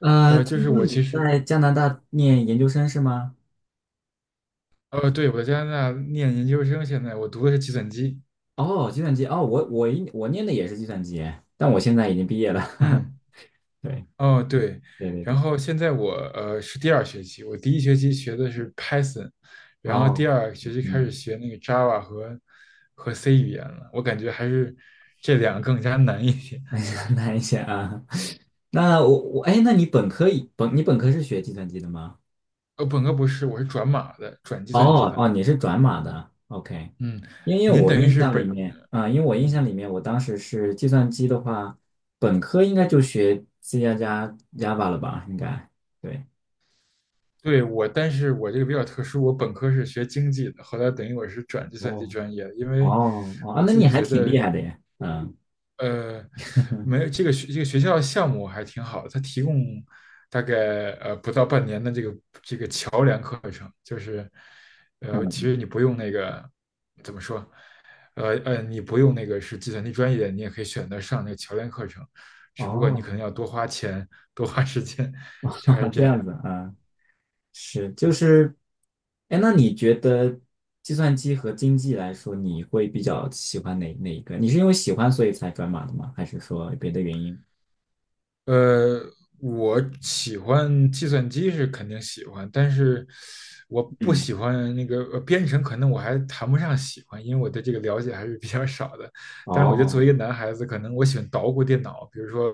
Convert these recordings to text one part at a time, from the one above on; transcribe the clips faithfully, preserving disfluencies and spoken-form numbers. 呃，呃，就听是说我其你实，在加拿大念研究生是吗？呃，对，我在加拿大念研究生，现在我读的是计算机，哦，计算机哦，我我一我念的也是计算机，但我现在已经毕业了。嗯，对哦，对，对对然对，后现在我呃是第二学期，我第一学期学的是 Python，然后第哦，二学期开始嗯，学那个 Java 和和 C 语言了，我感觉还是这两个更加难一点。哎呀，难一些啊。那我我哎，那你本科以本你本科是学计算机的吗？呃，本科不是，我是转码的，转计算机哦的，哦，你是转码的，OK。嗯，因为您我等于印是象本，里面，啊、因为我印嗯。象里面，我当时是计算机的话，本科应该就学 C 加加 Java 了吧？应该对。对，我，但是我这个比较特殊，我本科是学经济的，后来等于我是转计算机哦专业的，因为哦哦，啊我那自你己还觉挺厉得，害的呀！嗯呃，没有这个学这个学校项目还挺好的，它提供大概呃不到半年的这个桥梁课程，就是呃，其嗯，实你不用那个怎么说，呃呃，你不用那个是计算机专业，你也可以选择上那个桥梁课程，只不过你可哦，能要多花钱、多花时间，大概是 这这样。样子啊，是就是，哎，那你觉得计算机和经济来说，你会比较喜欢哪哪一个？你是因为喜欢所以才转码的吗？还是说别的原因？呃，我喜欢计算机是肯定喜欢，但是我不嗯，喜欢那个呃编程，可能我还谈不上喜欢，因为我对这个了解还是比较少的。但是我觉得作为哦一个男孩子，可能我喜欢捣鼓电脑，比如说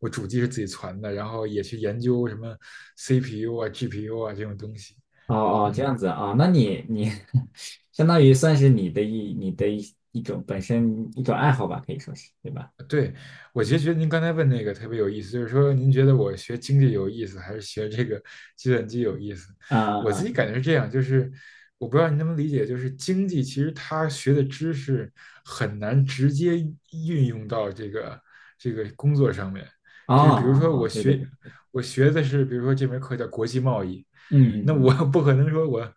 我主机是自己攒的，然后也去研究什么 C P U 啊、G P U 啊这种东西。哦哦，这嗯。样子啊，那你你 相当于算是你的一你的一一种本身一种爱好吧，可以说是，对吧？对，我其实觉得您刚才问那个特别有意思，就是说您觉得我学经济有意思，还是学这个计算机有意思？啊我自己啊感觉是这样，就是我不知道您能不能理解，就是经济其实它学的知识很难直接运用到这个这个工作上面，啊，就是比如哦哦说我哦，对对学对，我学的是，比如说这门课叫国际贸易，嗯嗯那我嗯不可能说我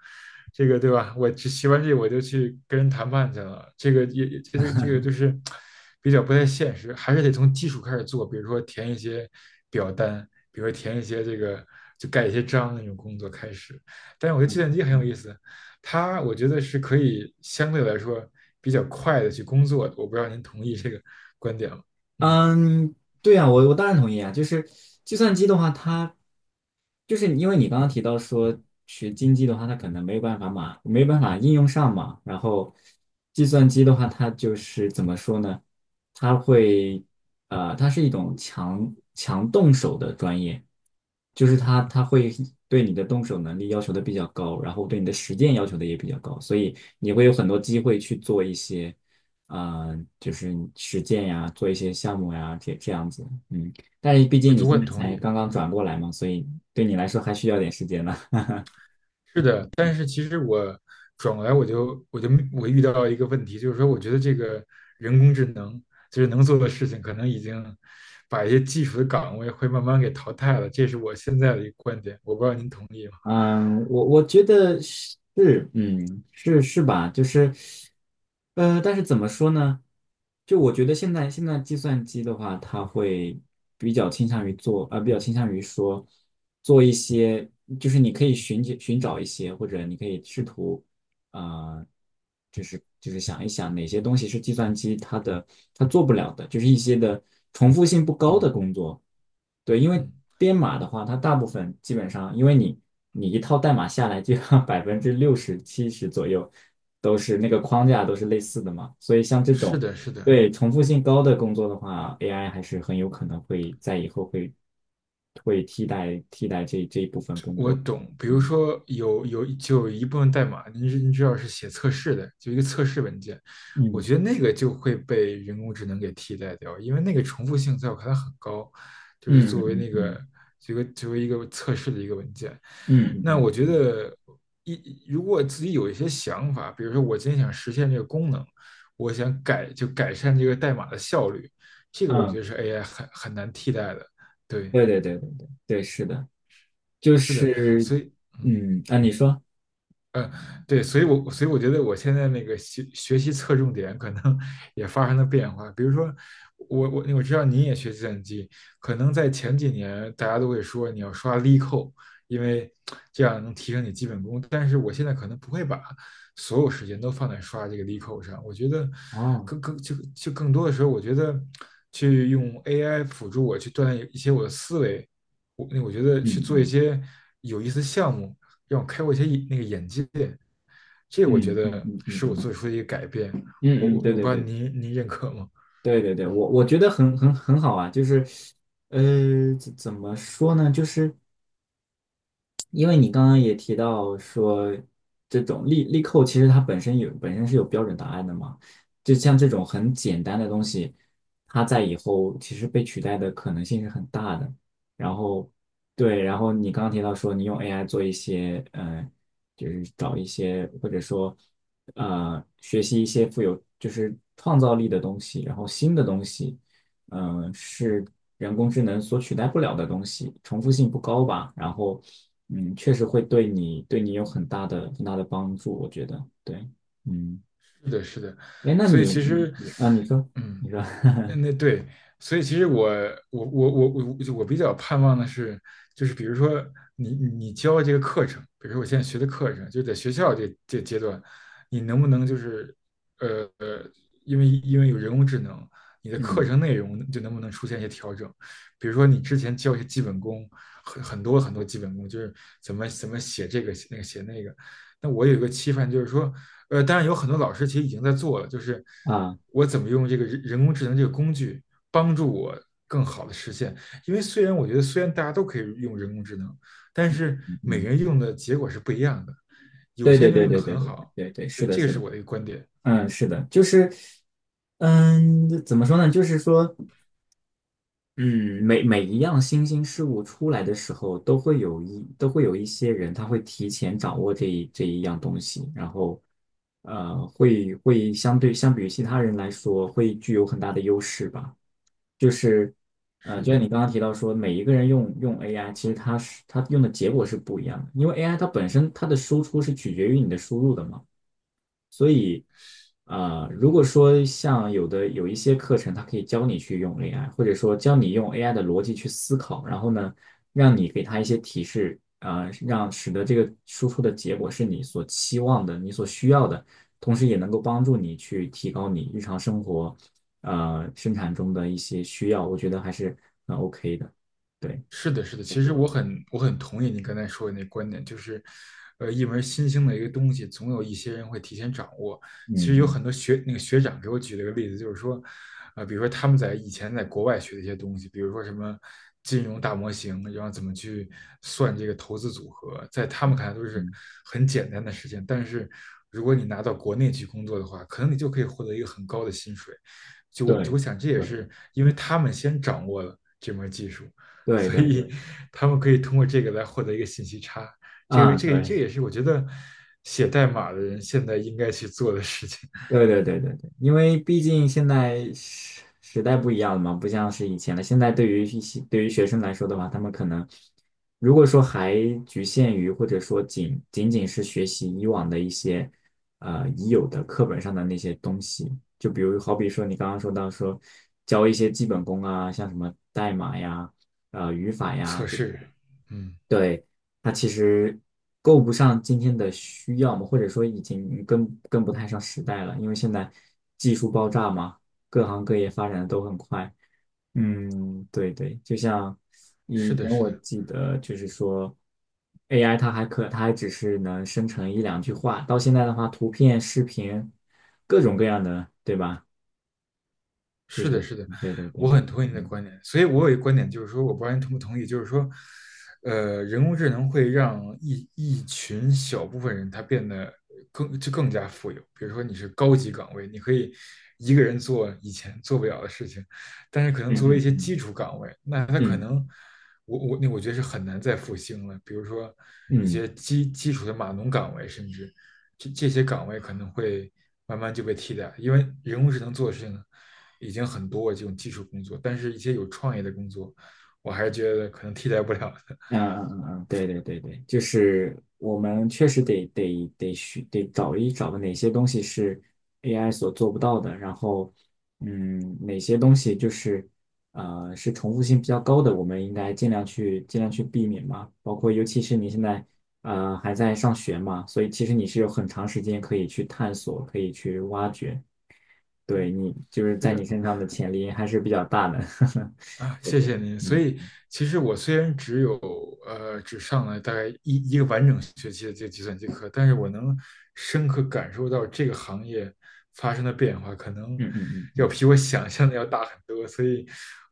这个对吧？我学完这个我就去跟人谈判去了，这个也也这个这个就是比较不太现实，还是得从基础开始做，比如说填一些表单，比如说填一些这个就盖一些章那种工作开始。但是我觉得计嗯算嗯。机很有嗯意思，它我觉得是可以相对来说比较快的去工作的，我不知道您同意这个观点吗？嗯，嗯，对啊，我我当然同意啊。就是计算机的话，它就是因为你刚刚提到说学经济的话，它可能没有办法嘛，没有办法应用上嘛。然后计算机的话，它就是怎么说呢？它会呃，它是一种强强动手的专业，就是它它会对你的动手能力要求的比较高，然后对你的实践要求的也比较高，所以你会有很多机会去做一些。呃，就是实践呀，做一些项目呀，这这样子，嗯，但是毕我竟你就我现很在同才意。刚刚转过来嘛，所以对你来说还需要点时间呢。是的，但是其实我转过来我就我就我遇到一个问题，就是说我觉得这个人工智能就是能做的事情，可能已经把一些基础的岗位会慢慢给淘汰了，这是我现在的一个观点，我不知道您同意吗？嗯，我我觉得是，嗯，是是吧？就是，呃，但是怎么说呢？就我觉得现在现在计算机的话，它会比较倾向于做，呃，比较倾向于说做一些，就是你可以寻求寻找一些，或者你可以试图。啊、呃就是就是想一想哪些东西是计算机它的它做不了的，就是一些的重复性不高嗯的工作。对，因为嗯，编码的话，它大部分基本上，因为你你一套代码下来，就要百分之六十七十左右都是那个框架都是类似的嘛，所以像这是种的，是的。对重复性高的工作的话，A I 还是很有可能会在以后会会替代替代这这一部分工我作。懂，比如嗯说有有就有一部分代码，你知您知道是写测试的，就一个测试文件，我嗯觉得那个就会被人工智能给替代掉，因为那个重复性在我看来很高，就是嗯作为嗯那个嗯这个作为一个测试的一个文件。嗯嗯那嗯嗯我觉嗯。得一如果自己有一些想法，比如说我今天想实现这个功能，我想改就改善这个代码的效率，这个我觉嗯得是 A I 很很难替代的。对，对对对对对对，是的，就是的，是所以嗯。嗯，啊，你说呃，对，所以我所以我觉得我现在那个学学习侧重点可能 也发生了变化。比如说，我我我知道你也学计算机，可能在前几年大家都会说你要刷力扣，因为 这样能提升你基本功。但是我现在可能不会把所有时间都放在刷这个力扣上。我觉得哦，更更就就更多的时候，我觉得去用 A I 辅助我去锻炼一些我的思维，我那我觉得去嗯做一嗯些有意思的项目。让我开阔一些那个眼界。这个我觉嗯嗯得嗯嗯是我嗯做出的一个改变。我我嗯嗯，对我对不知道对您您认可吗？对对对，我我觉得很很很好啊，就是呃，怎怎么说呢，就是。因为你刚刚也提到说，这种力力扣其实它本身有本身是有标准答案的嘛，就像这种很简单的东西，它在以后其实被取代的可能性是很大的。然后对，然后你刚刚提到说你用 A I 做一些，呃，就是找一些或者说呃学习一些富有就是创造力的东西，然后新的东西。嗯、是人工智能所取代不了的东西，重复性不高吧。然后，嗯，确实会对你对你有很大的很大的帮助，我觉得。对，嗯，是的，是的，哎，那所以你其你实，啊，你说，嗯，你说，你那对，所以其实我我我我我我比较盼望的是，就是比如说你你你教这个课程，比如说我现在学的课程，就在学校这这阶段，你能不能就是呃呃，因为因为有人工智能，你 的课嗯程内容就能不能出现一些调整？比如说你之前教一些基本功，很很多很多基本功，就是怎么怎么写这个写那个写那个，那我有一个期盼，就是说，呃，当然有很多老师其实已经在做了，就是啊，我怎么用这个人人工智能这个工具帮助我更好的实现。因为虽然我觉得虽然大家都可以用人工智能，但是每个嗯，人用的结果是不一样的，有对些对人就对用的对对很对对好。对对，是对，的，这个是是的，我的一个观点。嗯，是的，就是，嗯，怎么说呢？就是说。嗯，每每一样新兴事物出来的时候，都会有一都会有一些人，他会提前掌握这一这一样东西，然后，呃，会会相对相比于其他人来说，会具有很大的优势吧。就是，呃，是就像你的，刚刚提到说，每一个人用用 A I，其实它是它用的结果是不一样的，因为 A I 它本身它的输出是取决于你的输入的嘛。所以，呃，如果嗯。说像有的有一些课程，它可以教你去用 A I，或者说教你用 A I 的逻辑去思考，然后呢，让你给它一些提示，啊、让使得这个输出的结果是你所期望的、你所需要的，同时也能够帮助你去提高你日常生活，呃，生产中的一些需要，我觉得还是很 OK 的。对，是的，是的，其实我很我很同意你刚才说的那观点，就是，呃，一门新兴的一个东西，总有一些人会提前掌握。嗯其实有很嗯多学那个学长给我举了个例子，就是说，呃，比如说他们在以前在国外学的一些东西，比如说什么金融大模型，然后怎么去算这个投资组合，在他们看来都是嗯，很简单的事情，但是如果你拿到国内去工作的话，可能你就可以获得一个很高的薪水。就就对，我想，这也对，是因为他们先掌握了这门技术。对，所对，对，以他们可以通过这个来获得一个信息差。这个啊，这个这对。也是我觉得写代码的人现在应该去做的事情，对对对对对，因为毕竟现在时时代不一样了嘛，不像是以前了。现在对于一些对于学生来说的话，他们可能如果说还局限于或者说仅仅仅是学习以往的一些呃已有的课本上的那些东西，就比如好比说你刚刚说到说教一些基本功啊，像什么代码呀、呃语法 测呀。试。嗯，对，它其实够不上今天的需要嘛，或者说已经跟跟不太上时代了，因为现在技术爆炸嘛，各行各业发展的都很快。嗯，对对，就像以是前的，是我的。记得，就是说 A I 它还可，它还只是能生成一两句话，到现在的话，图片、视频，各种各样的，对吧？就是的，是，是的，对对我对，很同意你的嗯观点。所以我有一个观点，就是说，我不知道你同不同意，就是说，呃，人工智能会让一一群小部分人他变得更就更加富有。比如说，你是高级岗位，你可以一个人做以前做不了的事情，但是可能嗯作为一嗯些嗯基础岗位，那他可嗯。能我我那我觉得是很难再复兴了。比如说一嗯些基基础的码农岗位，甚至。这这些岗位可能会慢慢就被替代，因为人工智能做的事情已经很多这种技术工作，但是一些有创意的工作，我还是觉得可能替代不了的。嗯嗯嗯，对对对对，就是我们确实得得得需得找一找哪些东西是 A I 所做不到的，然后嗯，哪些东西就是呃是重复性比较高的，我们应该尽量去尽量去避免嘛。包括尤其是你现在呃还在上学嘛，所以其实你是有很长时间可以去探索，可以去挖掘，嗯，对你就是是在你的。身上的潜力还是比较大的。啊，对谢对，谢您。所以，其实我虽然只有呃只上了大概一一个完整学期的这个计算机课，但是我能深刻感受到这个行业发生的变化，可能嗯嗯嗯要嗯比我想象的要大很多。所以，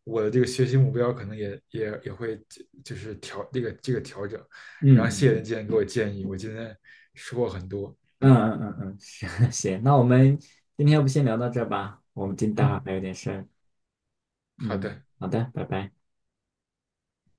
我的这个学习目标可能也也也会就是调这个这个调整。嗯然嗯嗯。后，谢谢您嗯今天给我建议，我今天收获很多。嗯嗯嗯嗯，行行那我们今天要不先聊到这儿吧，我们今待会儿嗯，还有点事儿好嗯，的。好的，拜拜。